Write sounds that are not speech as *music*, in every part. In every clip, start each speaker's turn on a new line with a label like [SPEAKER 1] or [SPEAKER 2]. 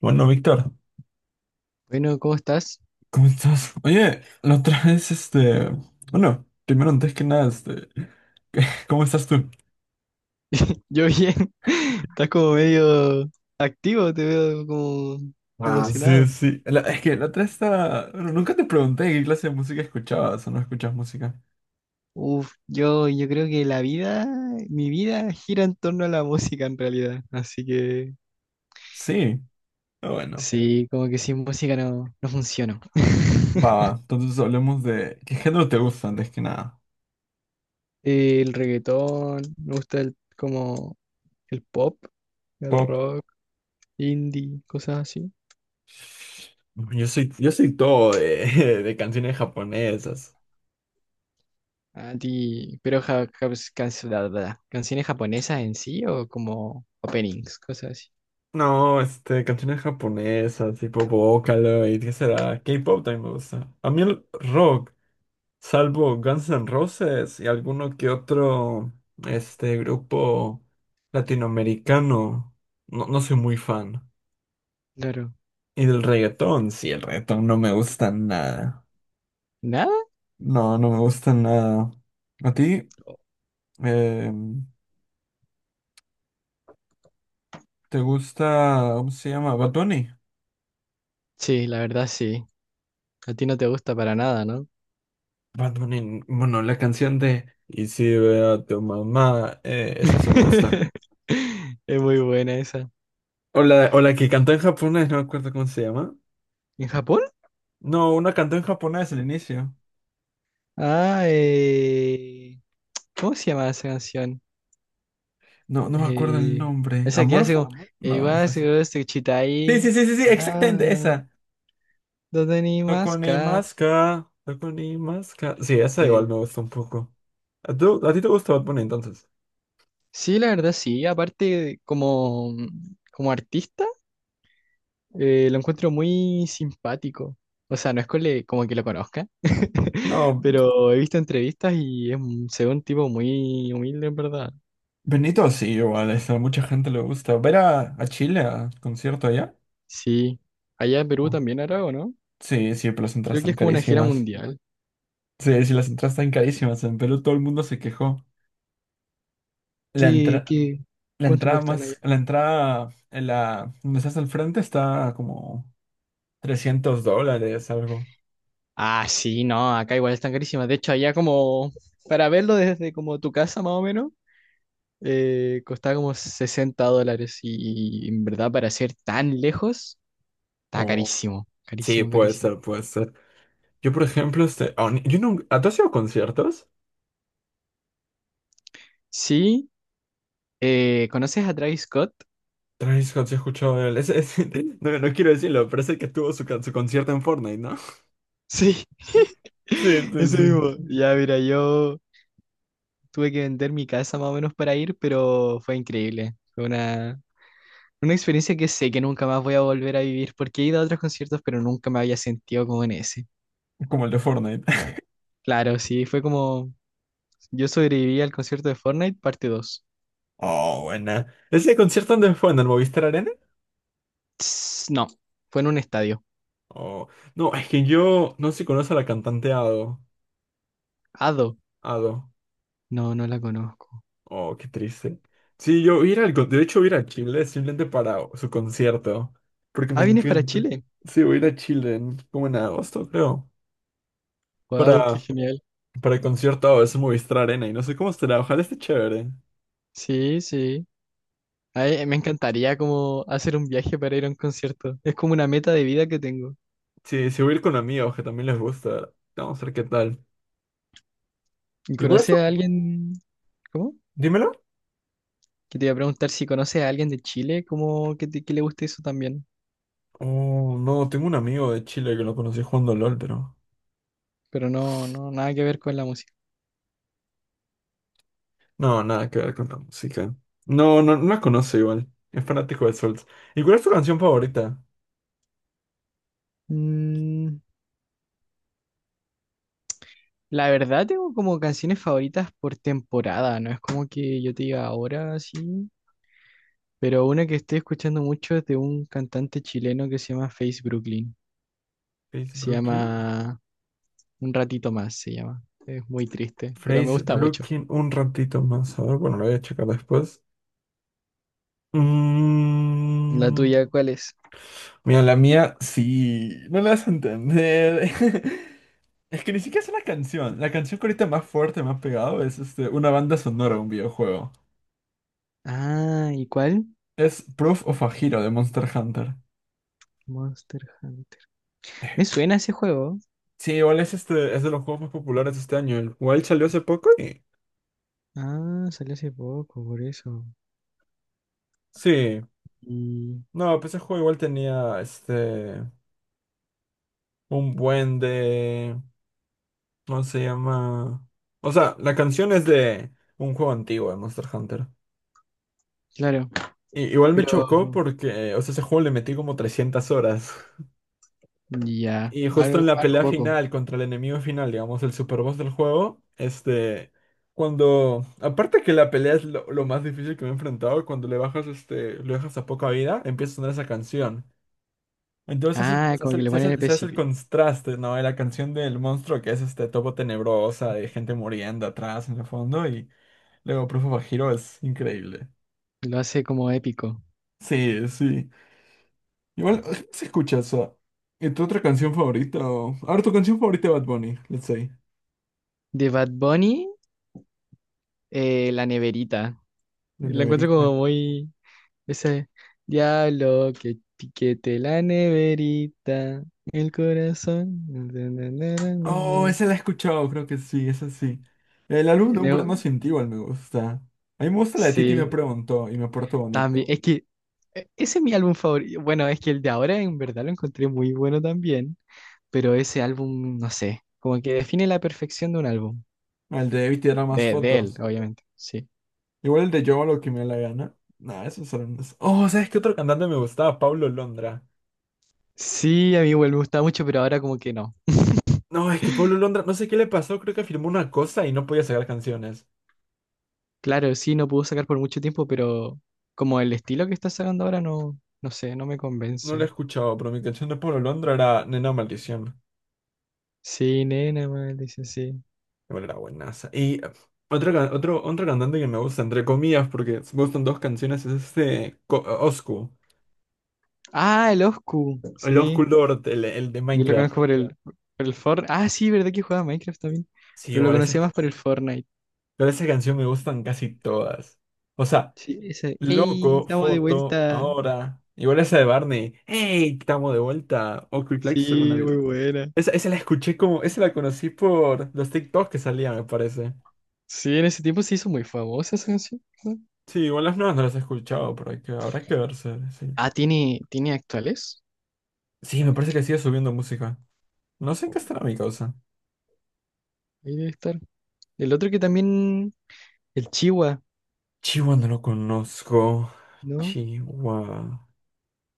[SPEAKER 1] Bueno, Víctor,
[SPEAKER 2] Bueno, ¿cómo estás?
[SPEAKER 1] ¿cómo estás? Oye, la otra *laughs* vez, bueno, primero antes que nada, *laughs* ¿cómo estás tú?
[SPEAKER 2] *laughs* Yo bien. *laughs* Estás como medio activo, te veo como
[SPEAKER 1] Ah, sí,
[SPEAKER 2] emocionado.
[SPEAKER 1] sí. Es que la otra vez estaba, bueno, nunca te pregunté qué clase de música escuchabas o no escuchas música.
[SPEAKER 2] Uf, yo creo que la vida, mi vida gira en torno a la música en realidad. Así que
[SPEAKER 1] Sí, ah, bueno,
[SPEAKER 2] sí, como que sin música no funciono.
[SPEAKER 1] va, va. Entonces hablemos de qué género te gusta antes que nada.
[SPEAKER 2] *laughs* El reggaetón, me gusta el, como el pop, el
[SPEAKER 1] Pop.
[SPEAKER 2] rock, indie, cosas así.
[SPEAKER 1] Yo soy todo de, *laughs* de canciones japonesas.
[SPEAKER 2] A ti, pero canciones japonesas en sí o como openings, cosas así.
[SPEAKER 1] No, canciones japonesas, tipo Vocaloid, ¿qué será? K-pop también me gusta. A mí el rock, salvo Guns N' Roses y alguno que otro, grupo latinoamericano, no, no soy muy fan.
[SPEAKER 2] Claro.
[SPEAKER 1] Y del reggaetón, sí, el reggaetón no me gusta nada.
[SPEAKER 2] ¿Nada?
[SPEAKER 1] No, no me gusta nada. ¿A ti? Eh, ¿Te gusta, cómo se llama? ¿Bad Bunny?
[SPEAKER 2] Sí, la verdad sí. A ti no te gusta para nada, ¿no?
[SPEAKER 1] Bad Bunny, bueno, la canción de Y si veo a tu mamá, esa sí me gusta.
[SPEAKER 2] *laughs* Es muy buena esa.
[SPEAKER 1] O la que cantó en japonés, no me acuerdo cómo se llama.
[SPEAKER 2] ¿En Japón?
[SPEAKER 1] No, una cantó en japonés al inicio.
[SPEAKER 2] Ah, ¿cómo se llama esa canción?
[SPEAKER 1] No, no me acuerdo el
[SPEAKER 2] Eh,
[SPEAKER 1] nombre.
[SPEAKER 2] Esa que hace
[SPEAKER 1] ¿Amorfo?
[SPEAKER 2] como...
[SPEAKER 1] No,
[SPEAKER 2] "Wa
[SPEAKER 1] Amorfo es otro.
[SPEAKER 2] se
[SPEAKER 1] Sí,
[SPEAKER 2] chitai,
[SPEAKER 1] sí, sí, sí, sí, exactamente
[SPEAKER 2] ah,
[SPEAKER 1] esa.
[SPEAKER 2] ¿dónde ni más?
[SPEAKER 1] Tokunimaska, Tokunimaska. Sí, esa igual
[SPEAKER 2] Eh,
[SPEAKER 1] me gusta un poco. ¿A ti te gusta Bad Bunny entonces?
[SPEAKER 2] sí, la verdad sí. Aparte, como, como artista. Lo encuentro muy simpático. O sea, no es como que lo conozca, *laughs*
[SPEAKER 1] No,
[SPEAKER 2] pero he visto entrevistas y es, se ve un tipo muy humilde, en verdad.
[SPEAKER 1] Benito sí, igual, eso, a mucha gente le gusta. ¿Ver a Chile a concierto allá?
[SPEAKER 2] Sí. Allá en Perú también hará, ¿o no?
[SPEAKER 1] Sí, sí, pero las entradas
[SPEAKER 2] Creo que
[SPEAKER 1] están
[SPEAKER 2] es como una gira
[SPEAKER 1] carísimas.
[SPEAKER 2] mundial.
[SPEAKER 1] Sí, sí, las entradas están carísimas. En Perú todo el mundo se quejó. La
[SPEAKER 2] ¿Qué,
[SPEAKER 1] entra-
[SPEAKER 2] qué,
[SPEAKER 1] la
[SPEAKER 2] cuánto
[SPEAKER 1] entrada
[SPEAKER 2] cuestan allá?
[SPEAKER 1] más, la entrada, en la, donde estás al frente está a como 300 dólares, algo.
[SPEAKER 2] Ah, sí, no, acá igual están carísimas. De hecho, allá como, para verlo desde como tu casa más o menos, costaba como 60 dólares y, en verdad para ser tan lejos, está
[SPEAKER 1] O,
[SPEAKER 2] carísimo,
[SPEAKER 1] sí,
[SPEAKER 2] carísimo,
[SPEAKER 1] puede
[SPEAKER 2] carísimo.
[SPEAKER 1] ser, puede ser. Yo, por ejemplo, yo nunca, ¿a tú has ido a conciertos?
[SPEAKER 2] Sí. ¿Conoces a Travis Scott?
[SPEAKER 1] Travis Scott, sí he escuchado de él. *laughs* No, no quiero decirlo, pero es el que tuvo su, su concierto en Fortnite, ¿no? *laughs*
[SPEAKER 2] Sí,
[SPEAKER 1] Sí,
[SPEAKER 2] *laughs*
[SPEAKER 1] sí,
[SPEAKER 2] ese
[SPEAKER 1] sí.
[SPEAKER 2] mismo. Ya, mira, yo tuve que vender mi casa más o menos para ir, pero fue increíble. Fue una experiencia que sé que nunca más voy a volver a vivir porque he ido a otros conciertos, pero nunca me había sentido como en ese.
[SPEAKER 1] Como el de Fortnite. *laughs*
[SPEAKER 2] Claro, sí, fue como yo sobreviví al concierto de Fortnite, parte dos.
[SPEAKER 1] Oh, buena. ¿Ese concierto dónde fue? ¿En el Movistar Arena?
[SPEAKER 2] Tss, no, fue en un estadio.
[SPEAKER 1] Oh, no, es que yo no sé si conoce a la cantante Ado.
[SPEAKER 2] Ado.
[SPEAKER 1] Ado.
[SPEAKER 2] No, no la conozco.
[SPEAKER 1] Oh, qué triste. Sí, yo ir al, de hecho voy a ir a Chile simplemente para su concierto, porque
[SPEAKER 2] Ah,
[SPEAKER 1] me
[SPEAKER 2] ¿vienes para
[SPEAKER 1] encanta.
[SPEAKER 2] Chile?
[SPEAKER 1] Sí, voy a ir a Chile como en agosto, creo,
[SPEAKER 2] Wow, qué
[SPEAKER 1] para,
[SPEAKER 2] genial.
[SPEAKER 1] para el concierto Ado, es en Movistar Arena y no sé cómo será, ojalá esté chévere.
[SPEAKER 2] Sí, sí. Ay, me encantaría como hacer un viaje para ir a un concierto. Es como una meta de vida que tengo.
[SPEAKER 1] Sí, sí voy a ir con amigos que también les gusta. Vamos a ver qué tal.
[SPEAKER 2] ¿Y
[SPEAKER 1] Igual
[SPEAKER 2] conoces
[SPEAKER 1] eso,
[SPEAKER 2] a alguien? ¿Cómo?
[SPEAKER 1] dímelo.
[SPEAKER 2] Que te iba a preguntar si conoces a alguien de Chile, como que, que le guste eso también.
[SPEAKER 1] Oh, no, tengo un amigo de Chile que lo conocí jugando LOL, pero
[SPEAKER 2] Pero no, no, nada que ver con la música.
[SPEAKER 1] no, nada que ver con la música. No, no, no la conoce igual. Es fanático de Souls. ¿Y cuál es tu canción favorita?
[SPEAKER 2] Mm, la verdad tengo como canciones favoritas por temporada, no es como que yo te diga ahora sí. Pero una que estoy escuchando mucho es de un cantante chileno que se llama Face Brooklyn.
[SPEAKER 1] Face
[SPEAKER 2] Se
[SPEAKER 1] Brooklyn.
[SPEAKER 2] llama Un ratito más, se llama. Es muy triste, pero me
[SPEAKER 1] Face
[SPEAKER 2] gusta mucho.
[SPEAKER 1] Brooklyn, un ratito más. A ver, bueno, lo voy a checar después.
[SPEAKER 2] ¿La
[SPEAKER 1] Mm,
[SPEAKER 2] tuya cuál es?
[SPEAKER 1] mira, la mía sí. No la vas a entender. *laughs* Es que ni siquiera es una canción. La canción que ahorita más fuerte me ha pegado es una banda sonora de un videojuego.
[SPEAKER 2] Ah, ¿y cuál?
[SPEAKER 1] Es Proof of a Hero de Monster Hunter.
[SPEAKER 2] Monster Hunter. Me suena ese juego.
[SPEAKER 1] Sí, igual es es de los juegos más populares de este año. El Wild salió hace poco y.
[SPEAKER 2] Ah, salió hace poco, por eso.
[SPEAKER 1] Sí.
[SPEAKER 2] Y
[SPEAKER 1] No, pues ese juego igual tenía este un buen de. ¿Cómo se llama? O sea, la canción es de un juego antiguo de Monster Hunter.
[SPEAKER 2] claro,
[SPEAKER 1] Y, igual me
[SPEAKER 2] pero
[SPEAKER 1] chocó porque, o sea, ese juego le metí como 300 horas.
[SPEAKER 2] ya,
[SPEAKER 1] Y justo
[SPEAKER 2] algo,
[SPEAKER 1] en la
[SPEAKER 2] algo
[SPEAKER 1] pelea
[SPEAKER 2] poco.
[SPEAKER 1] final contra el enemigo final, digamos, el super boss del juego, este. Cuando. Aparte que la pelea es lo más difícil que me he enfrentado, cuando le bajas este. Lo dejas a poca vida, empieza a sonar esa canción. Entonces
[SPEAKER 2] Ah,
[SPEAKER 1] se
[SPEAKER 2] como
[SPEAKER 1] hace,
[SPEAKER 2] que
[SPEAKER 1] el,
[SPEAKER 2] le ponen el
[SPEAKER 1] se hace el
[SPEAKER 2] principio.
[SPEAKER 1] contraste, ¿no? De la canción del monstruo que es este topo tenebrosa de gente muriendo atrás en el fondo y luego Proof of a Hero es increíble.
[SPEAKER 2] Lo hace como épico.
[SPEAKER 1] Sí, sí. Igual sí se escucha eso. ¿Y tu otra canción favorita? A ver, tu canción favorita de Bad Bunny, let's say.
[SPEAKER 2] De Bad Bunny, la neverita.
[SPEAKER 1] La
[SPEAKER 2] La encuentro
[SPEAKER 1] neverita.
[SPEAKER 2] como muy. Ese diablo que piquete la neverita. El corazón. *laughs* na, na, na, na, na,
[SPEAKER 1] Oh,
[SPEAKER 2] na".
[SPEAKER 1] esa la he escuchado, creo que sí, esa sí. El álbum de
[SPEAKER 2] Me
[SPEAKER 1] Un Verano
[SPEAKER 2] gu-
[SPEAKER 1] Sin Ti igual me gusta. A mí me gusta la de Titi me
[SPEAKER 2] sí.
[SPEAKER 1] preguntó y me porto bonito.
[SPEAKER 2] También, es que ese es mi álbum favorito. Bueno, es que el de ahora en verdad lo encontré muy bueno también, pero ese álbum, no sé, como que define la perfección de un álbum.
[SPEAKER 1] El de Evita era más
[SPEAKER 2] De él,
[SPEAKER 1] fotos.
[SPEAKER 2] obviamente, sí.
[SPEAKER 1] Igual el de Yo hago lo que me da la gana. Nah, esos eran unos. Oh, ¿sabes qué otro cantante me gustaba? Pablo Londra.
[SPEAKER 2] Sí, a mí igual me gustaba mucho, pero ahora como que no.
[SPEAKER 1] No, es que Pablo Londra, no sé qué le pasó, creo que firmó una cosa y no podía sacar canciones.
[SPEAKER 2] Claro, sí, no pudo sacar por mucho tiempo, pero como el estilo que está sacando ahora no, no sé, no me
[SPEAKER 1] No la
[SPEAKER 2] convence.
[SPEAKER 1] he escuchado, pero mi canción de Pablo Londra era Nena Maldición.
[SPEAKER 2] Sí, nena, mal, dice sí.
[SPEAKER 1] Igual era buenaza. Y otro cantante que me gusta, entre comillas, porque me gustan dos canciones, es Oscu.
[SPEAKER 2] Ah, el Oscu,
[SPEAKER 1] El
[SPEAKER 2] sí.
[SPEAKER 1] Oscu Lord, el de
[SPEAKER 2] Yo lo conozco
[SPEAKER 1] Minecraft.
[SPEAKER 2] por el Fortnite. Ah, sí, verdad que jugaba Minecraft también,
[SPEAKER 1] Sí,
[SPEAKER 2] pero lo conocía más por el Fortnite.
[SPEAKER 1] igual esa canción me gustan casi todas. O sea,
[SPEAKER 2] Sí, ese ¡Ey!
[SPEAKER 1] Loco,
[SPEAKER 2] Estamos de
[SPEAKER 1] foto,
[SPEAKER 2] vuelta.
[SPEAKER 1] ahora. Igual esa de Barney. Hey Estamos de vuelta. O Quick según
[SPEAKER 2] Sí, muy
[SPEAKER 1] vida.
[SPEAKER 2] buena.
[SPEAKER 1] Esa la escuché como. Esa la conocí por los TikToks que salían, me parece.
[SPEAKER 2] Sí, en ese tiempo se hizo muy famosa esa canción, ¿no?
[SPEAKER 1] Sí, igual las nuevas no las he escuchado, pero hay que, habrá que verse. Sí.
[SPEAKER 2] Ah, ¿tiene, tiene actuales?
[SPEAKER 1] Sí, me parece que sigue subiendo música. No sé en qué
[SPEAKER 2] Oh,
[SPEAKER 1] estará mi causa.
[SPEAKER 2] ahí debe estar. El otro que también, el Chihuahua,
[SPEAKER 1] Chihuahua no lo conozco.
[SPEAKER 2] ¿no?
[SPEAKER 1] Chihuahua.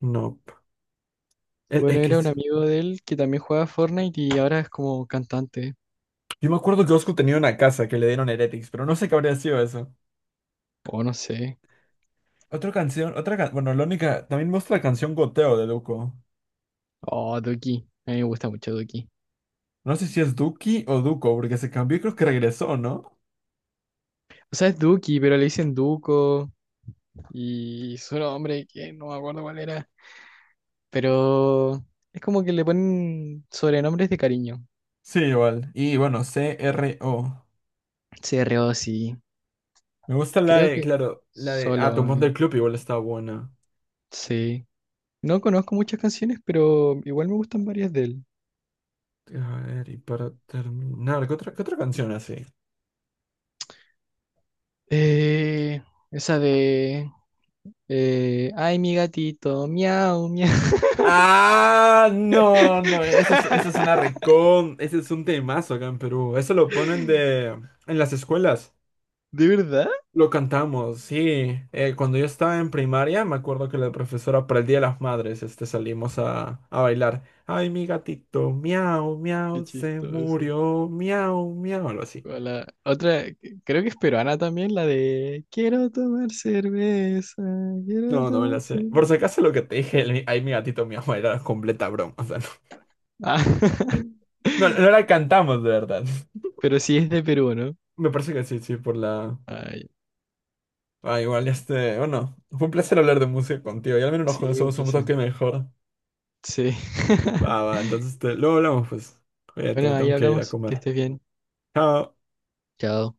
[SPEAKER 1] No. El,
[SPEAKER 2] Bueno,
[SPEAKER 1] el que
[SPEAKER 2] era un
[SPEAKER 1] es-
[SPEAKER 2] amigo de él que también jugaba Fortnite y ahora es como cantante.
[SPEAKER 1] Yo me acuerdo que Oscu tenía una casa que le dieron Heretics, pero no sé qué habría sido eso.
[SPEAKER 2] O no sé.
[SPEAKER 1] Otra canción, bueno, la única, también me gusta la canción Goteo de Duco.
[SPEAKER 2] Oh, Duki. A mí me gusta mucho Duki.
[SPEAKER 1] No sé si es Duki o Duco, porque se cambió y creo que regresó, ¿no?
[SPEAKER 2] O sea, es Duki, pero le dicen Duco. Y su nombre, que no me acuerdo cuál era. Pero es como que le ponen sobrenombres de cariño.
[SPEAKER 1] Sí, igual. Y bueno, CRO.
[SPEAKER 2] Se reó, sí.
[SPEAKER 1] Me gusta la
[SPEAKER 2] Creo
[SPEAKER 1] de,
[SPEAKER 2] que
[SPEAKER 1] claro, la de Ah,
[SPEAKER 2] solo,
[SPEAKER 1] Tumón del Club igual está buena.
[SPEAKER 2] sí. No conozco muchas canciones, pero igual me gustan varias de él.
[SPEAKER 1] A ver, y para terminar, qué otra canción así?
[SPEAKER 2] Eh, Esa de... Ay, mi gatito, miau, miau.
[SPEAKER 1] Ah, no, no, esa es una
[SPEAKER 2] *laughs*
[SPEAKER 1] recon, ese es un temazo acá en Perú. Eso lo ponen de, en las escuelas.
[SPEAKER 2] ¿De verdad?
[SPEAKER 1] Lo cantamos, sí. Cuando yo estaba en primaria, me acuerdo que la profesora para el Día de las Madres, salimos a bailar. Ay, mi gatito, miau,
[SPEAKER 2] Qué
[SPEAKER 1] miau, se
[SPEAKER 2] chistoso.
[SPEAKER 1] murió, miau, miau, algo así.
[SPEAKER 2] O la otra, creo que es peruana también, la de Quiero tomar cerveza, quiero
[SPEAKER 1] No, no me la
[SPEAKER 2] tomar
[SPEAKER 1] sé. Por
[SPEAKER 2] cerveza.
[SPEAKER 1] si acaso lo que te dije, el ay, mi gatito, miau, *laughs* era completa broma. O sea,
[SPEAKER 2] Ah,
[SPEAKER 1] no, no, no
[SPEAKER 2] *laughs*
[SPEAKER 1] la cantamos de verdad.
[SPEAKER 2] pero sí es de Perú, ¿no?
[SPEAKER 1] Me parece que sí, sí, por la...
[SPEAKER 2] Ay,
[SPEAKER 1] Ah, igual, bueno, fue un placer hablar de música contigo. Y al menos nos
[SPEAKER 2] sí, un
[SPEAKER 1] conocemos un
[SPEAKER 2] placer.
[SPEAKER 1] toque mejor.
[SPEAKER 2] Sí.
[SPEAKER 1] Va,
[SPEAKER 2] *laughs*
[SPEAKER 1] va, entonces, luego hablamos, pues. Oye, te me
[SPEAKER 2] Bueno, ahí
[SPEAKER 1] tengo que ir a
[SPEAKER 2] hablamos. Que
[SPEAKER 1] comer.
[SPEAKER 2] estés bien.
[SPEAKER 1] Cada
[SPEAKER 2] Chao.